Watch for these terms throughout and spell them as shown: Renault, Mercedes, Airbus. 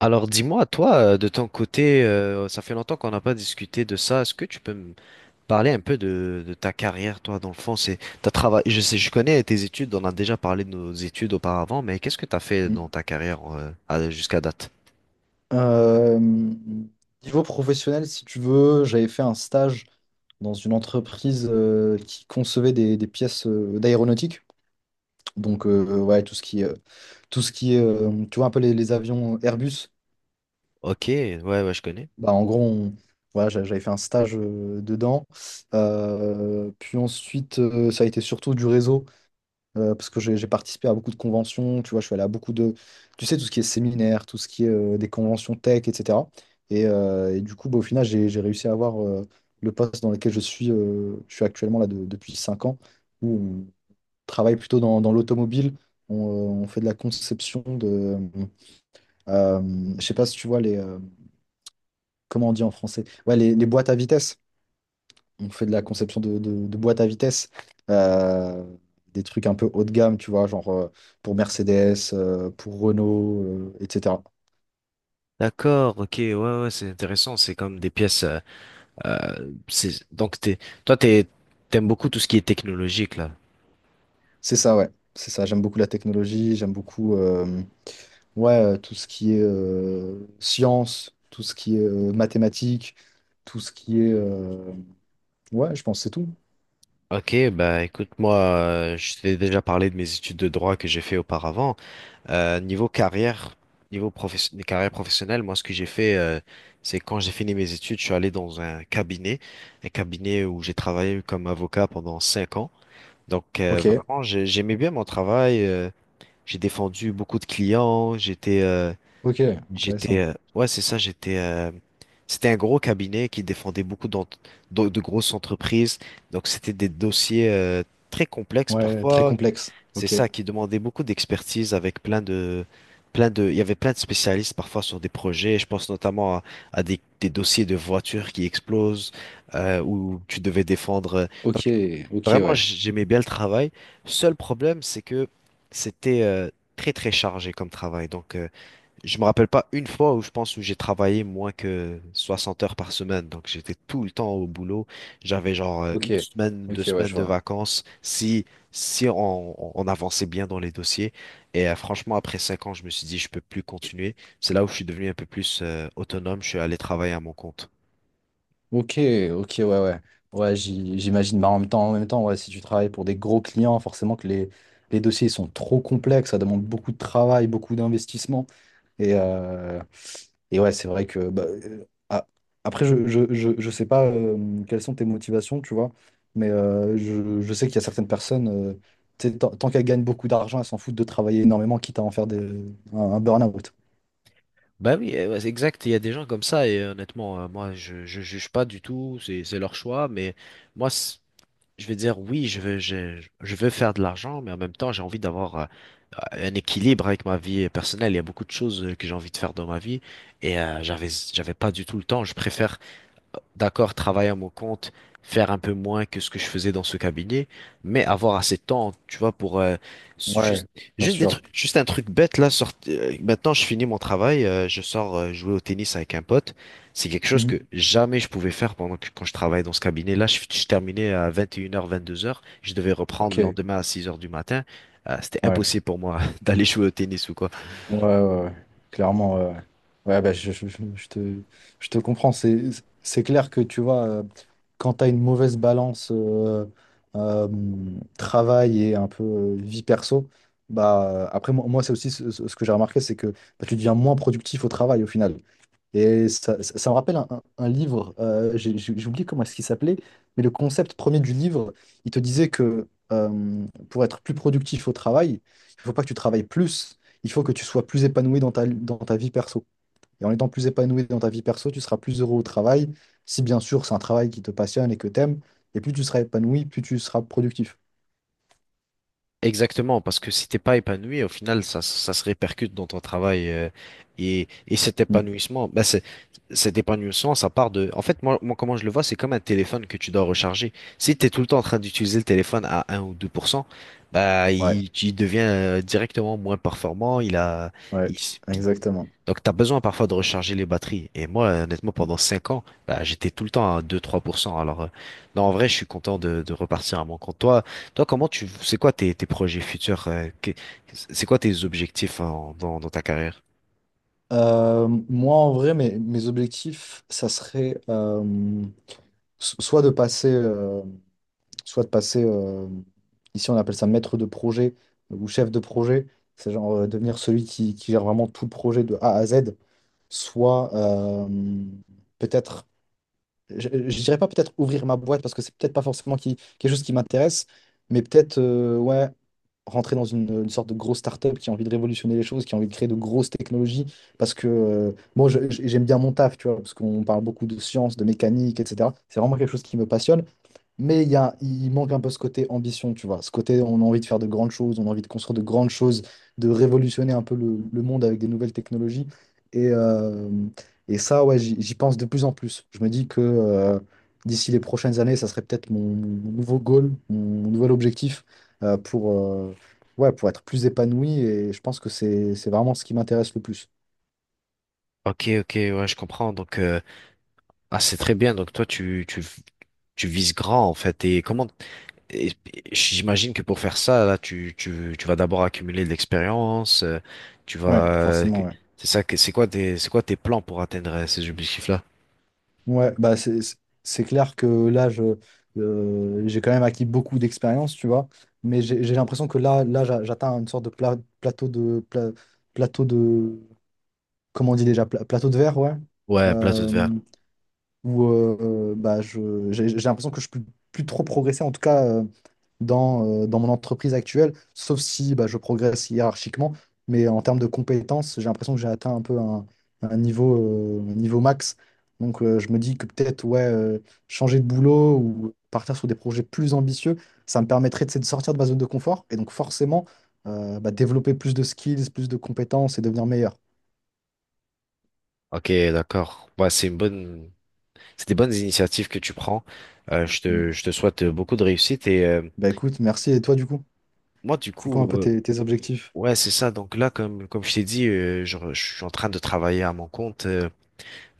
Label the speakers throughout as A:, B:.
A: Alors dis-moi, toi, de ton côté, ça fait longtemps qu'on n'a pas discuté de ça. Est-ce que tu peux me parler un peu de ta carrière, toi, dans le fond, c'est t'as travaillé, je sais, je connais tes études, on a déjà parlé de nos études auparavant, mais qu'est-ce que tu as fait
B: Mm.
A: dans ta carrière jusqu'à date?
B: Euh, Niveau professionnel, si tu veux, j'avais fait un stage dans une entreprise qui concevait des pièces d'aéronautique. Donc, ouais, tout ce qui est, tu vois, un peu les avions Airbus.
A: Ok, ouais, ouais, je connais.
B: Bah, en gros, voilà, j'avais fait un stage dedans. Puis ensuite, ça a été surtout du réseau. Parce que j'ai participé à beaucoup de conventions, tu vois, je suis allé à beaucoup de, tu sais, tout ce qui est séminaire, tout ce qui est des conventions tech, etc. Et du coup, bah, au final, j'ai réussi à avoir le poste dans lequel je suis actuellement là depuis 5 ans, où on travaille plutôt dans, dans l'automobile, on fait de la conception de, euh, je sais pas si tu vois les, comment on dit en français, ouais, les boîtes à vitesse. On fait de la conception de boîtes à vitesse, euh, des trucs un peu haut de gamme, tu vois, genre pour Mercedes, pour Renault, etc.
A: D'accord, ok, ouais, ouais, c'est intéressant. C'est comme des pièces. C'est donc t'es, toi, t'es, T'aimes beaucoup tout ce qui est technologique là.
B: C'est ça, ouais, c'est ça. J'aime beaucoup la technologie, j'aime beaucoup ouais, tout ce qui est science, tout ce qui est mathématiques, tout ce qui est... ouais, je pense que c'est tout.
A: Ok, bah écoute, moi, je t'ai déjà parlé de mes études de droit que j'ai fait auparavant. Niveau carrière, niveau carrière professionnelle, moi, ce que j'ai fait, c'est quand j'ai fini mes études, je suis allé dans un cabinet où j'ai travaillé comme avocat pendant 5 ans. Donc,
B: Ok,
A: vraiment, j'aimais bien mon travail. J'ai défendu beaucoup de clients.
B: ok, intéressant.
A: Ouais, c'est ça, j'étais. C'était un gros cabinet qui défendait beaucoup de grosses entreprises. Donc, c'était des dossiers, très complexes
B: Ouais, très
A: parfois.
B: complexe.
A: C'est
B: Ok,
A: ça qui demandait beaucoup d'expertise, avec plein de, il y avait plein de spécialistes parfois sur des projets. Je pense notamment à des dossiers de voitures qui explosent, où tu devais défendre.
B: ok,
A: Donc
B: ok,
A: vraiment,
B: ouais.
A: j'aimais bien le travail. Seul problème, c'est que c'était très très chargé comme travail. Donc je me rappelle pas une fois où je pense où j'ai travaillé moins que 60 heures par semaine. Donc j'étais tout le temps au boulot. J'avais genre
B: Ok,
A: une semaine,
B: ok,
A: deux
B: ouais,
A: semaines
B: je
A: de
B: vois.
A: vacances si on avançait bien dans les dossiers. Et franchement, après 5 ans, je me suis dit je peux plus continuer. C'est là où je suis devenu un peu plus autonome. Je suis allé travailler à mon compte.
B: Ok, ok, ouais, ouais. Ouais, j'imagine. Bah, en même temps, ouais, si tu travailles pour des gros clients, forcément que les dossiers sont trop complexes, ça demande beaucoup de travail, beaucoup d'investissement. Et, euh, et ouais, c'est vrai que bah, après, je sais pas quelles sont tes motivations, tu vois, mais je sais qu'il y a certaines personnes, tu sais, tant qu'elles gagnent beaucoup d'argent, elles s'en foutent de travailler énormément, quitte à en faire un burn-out.
A: Bah oui, ouais, c'est exact, il y a des gens comme ça et honnêtement, moi je juge pas du tout, c'est leur choix, mais moi c- je veux dire, oui, je veux faire de l'argent, mais en même temps, j'ai envie d'avoir euh, un équilibre avec ma vie personnelle. Il y a beaucoup de choses que j'ai envie de faire dans ma vie et j'avais pas du tout le temps. Je préfère d'accord, travailler à mon compte, faire un peu moins que ce que je faisais dans ce cabinet, mais avoir assez de temps, tu vois, pour s-
B: Ouais,
A: juste,
B: bien
A: juste des
B: sûr.
A: trucs, juste un truc bête là. Maintenant, je finis mon travail, je sors jouer au tennis avec un pote. C'est quelque chose que
B: Mhm.
A: jamais je pouvais faire pendant que quand je travaillais dans ce cabinet. Là, je terminais à 21h, 22h. Je devais reprendre
B: Ok,
A: le lendemain à 6h du matin. C'était
B: ouais.
A: impossible pour moi d'aller jouer au tennis ou quoi.
B: Ouais, ouais, ouais. Clairement, ouais. Ouais, ouais, bah, je te comprends. C'est clair que tu vois, quand tu as une mauvaise balance euh, travail et un peu vie perso, bah, après, moi, c'est aussi ce, ce que j'ai remarqué, c'est que bah, tu deviens moins productif au travail au final. Et ça, ça me rappelle un, un livre, j'ai oublié comment est-ce qu'il s'appelait, mais le concept premier du livre, il te disait que pour être plus productif au travail, il faut pas que tu travailles plus, il faut que tu sois plus épanoui dans ta vie perso. Et en étant plus épanoui dans ta vie perso, tu seras plus heureux au travail, si bien sûr c'est un travail qui te passionne et que t'aimes, et plus tu seras épanoui, plus tu seras productif.
A: Exactement, parce que si t'es pas épanoui, au final, ça se répercute dans ton travail, et cet
B: Mm.
A: épanouissement, bah cet épanouissement, ça part de. En fait, moi, comment je le vois, c'est comme un téléphone que tu dois recharger. Si t'es tout le temps en train d'utiliser le téléphone à un ou 2%, bah
B: Ouais,
A: il devient directement moins performant. Il a, il,
B: ouais,
A: s-
B: exactement.
A: Donc, tu as besoin parfois de recharger les batteries. Et moi, honnêtement,
B: Mm.
A: pendant 5 ans, bah, j'étais tout le temps à deux, trois pour cent. Alors, non, en vrai, je suis content de repartir à mon compte. Toi, c'est quoi tes projets futurs? C'est quoi tes objectifs dans ta carrière?
B: Moi, en vrai, mes objectifs, ça serait... so- soit de passer, euh, soit de passer ici on appelle ça maître de projet ou chef de projet, c'est genre devenir celui qui gère vraiment tout le projet de A à Z, soit peut-être, je dirais pas peut-être ouvrir ma boîte parce que c'est peut-être pas forcément quelque chose qui m'intéresse, mais peut-être ouais, rentrer dans une sorte de grosse start-up qui a envie de révolutionner les choses, qui a envie de créer de grosses technologies, parce que j'aime bien mon taf, tu vois, parce qu'on parle beaucoup de sciences, de mécanique, etc. C'est vraiment quelque chose qui me passionne. Mais il y a, il manque un peu ce côté ambition, tu vois. Ce côté, on a envie de faire de grandes choses, on a envie de construire de grandes choses, de révolutionner un peu le monde avec des nouvelles technologies. Et, euh, et ça, ouais, j'y pense de plus en plus. Je me dis que d'ici les prochaines années, ça serait peut-être mon, mon nouveau goal, mon nouvel objectif euh, pour, euh, ouais, pour être plus épanoui. Et je pense que c'est vraiment ce qui m'intéresse le plus.
A: Ok, ok, ouais, je comprends. Donc, c'est très bien. Donc, toi, tu vises grand, en fait. Et j'imagine que pour faire ça, là, tu vas d'abord accumuler de l'expérience, tu
B: Ouais,
A: vas, que-
B: forcément, ouais.
A: c'est ça que, c'est quoi tes plans pour atteindre ces objectifs-là?
B: Ouais, bah c'est clair que là, j'ai quand même acquis beaucoup d'expérience, tu vois, mais j'ai l'impression que là, j'atteins une sorte de plateau de... plateau de... Comment on dit déjà? Plateau de verre, ouais.
A: Ouais, un plateau de
B: Euh,
A: verre.
B: où bah, j'ai l'impression que je peux plus trop progresser, en tout cas dans, dans mon entreprise actuelle, sauf si bah, je progresse hiérarchiquement. Mais en termes de compétences, j'ai l'impression que j'ai atteint un peu un niveau, un niveau max. Donc je me dis que peut-être ouais, changer de boulot ou partir sur des projets plus ambitieux, ça me permettrait tu sais, de sortir de ma zone de confort et donc forcément bah, développer plus de skills, plus de compétences et devenir meilleur.
A: Ok, d'accord. Ouais, c'est des bonnes initiatives que tu prends. Je
B: Mm.
A: te, je te souhaite beaucoup de réussite, et
B: Bah écoute, merci. Et toi du coup,
A: moi, du
B: c'est quoi
A: coup,
B: un peu tes tes objectifs?
A: ouais, c'est ça. Donc là, comme je t'ai dit, je suis en train de travailler à mon compte.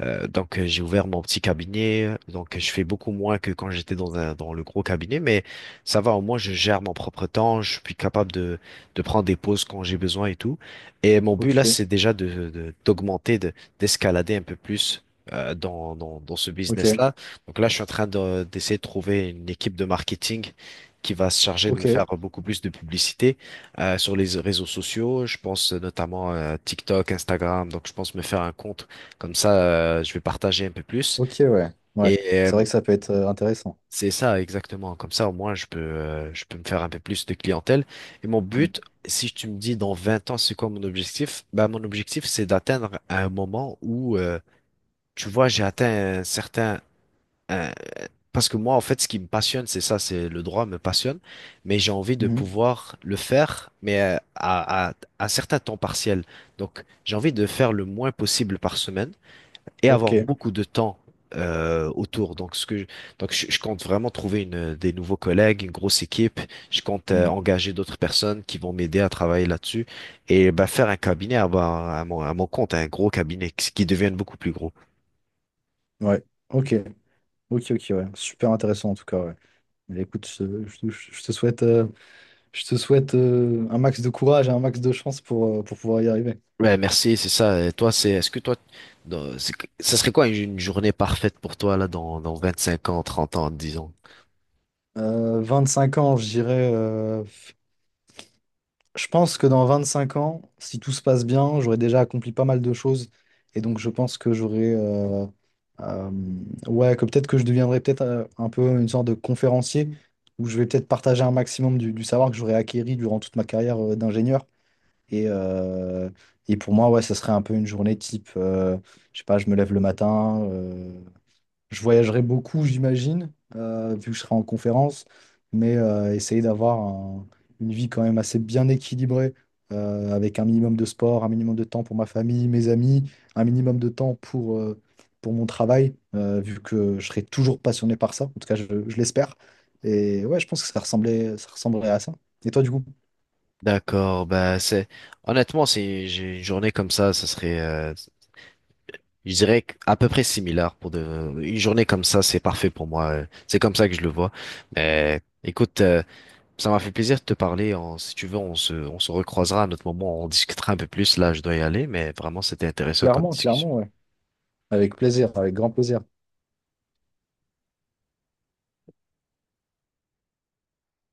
A: Donc j'ai ouvert mon petit cabinet, donc je fais beaucoup moins que quand j'étais dans le gros cabinet, mais ça va, au moins je gère mon propre temps, je suis capable de prendre des pauses quand j'ai besoin et tout. Et mon but là,
B: Ok.
A: c'est déjà d'augmenter, d'escalader un peu plus dans ce
B: Ok,
A: business-là. Donc là, je suis en train d'essayer de trouver une équipe de marketing qui va se charger de me
B: ok,
A: faire beaucoup plus de publicité sur les réseaux sociaux. Je pense notamment à TikTok, Instagram, donc je pense me faire un compte comme ça, je vais partager un peu plus.
B: ok, ouais. Ouais.
A: Et
B: C'est vrai que ça peut être intéressant.
A: c'est ça exactement. Comme ça, au moins, je peux me faire un peu plus de clientèle. Et mon
B: Mm.
A: but, si tu me dis dans 20 ans, c'est quoi mon objectif? Ben, mon objectif, c'est d'atteindre un moment où, tu vois, j'ai atteint un certain. un- Parce que moi, en fait, ce qui me passionne, c'est ça, c'est le droit me passionne, mais j'ai envie de
B: Mhm.
A: pouvoir le faire, mais à un certain temps partiel. Donc, j'ai envie de faire le moins possible par semaine et
B: Ok.
A: avoir beaucoup de temps autour. Donc, je compte vraiment trouver des nouveaux collègues, une grosse équipe. Je compte
B: Mm.
A: engager d'autres personnes qui vont m'aider à travailler là-dessus et bah, faire un cabinet à mon compte, un gros cabinet qui devienne beaucoup plus gros.
B: Ouais. Ok. Ok, ok, ouais. Super intéressant en tout cas, ouais. Mais écoute, je te souhaite un max de courage et un max de chance pour pouvoir y arriver.
A: Ouais, merci, c'est ça. Et toi, est-ce que toi, dans- c'est- ça serait quoi une journée parfaite pour toi là dans 25 ans, 30 ans, disons?
B: 5 ans, je dirais. Je pense que dans 25 ans, si tout se passe bien, j'aurai déjà accompli pas mal de choses. Et donc, je pense que j'aurai. Euh, ouais, que peut-être que je deviendrai peut-être un peu une sorte de conférencier où je vais peut-être partager un maximum du savoir que j'aurais acquéri durant toute ma carrière d'ingénieur. Et, euh, et pour moi, ouais, ça serait un peu une journée type. Je sais pas, je me lève le matin. Je voyagerai beaucoup, j'imagine, vu que je serai en conférence, mais une vie quand même assez bien équilibrée, avec un minimum de sport, un minimum de temps pour ma famille, mes amis, un minimum de temps pour mon travail, vu que je serai toujours passionné par ça, en tout cas je l'espère. Et ouais, je pense que ça ressemblait, ça ressemblerait à ça. Et toi, du coup?
A: D'accord, bah c'est honnêtement c'est j'ai une journée comme ça serait je dirais à peu près similaire pour de une journée comme ça, c'est parfait pour moi. C'est comme ça que je le vois. Mais écoute, ça m'a fait plaisir de te parler. Si tu veux, on se recroisera à notre moment, on discutera un peu plus. Là, je dois y aller, mais vraiment c'était intéressant comme
B: Clairement,
A: discussion.
B: clairement, ouais. Avec plaisir, avec grand plaisir.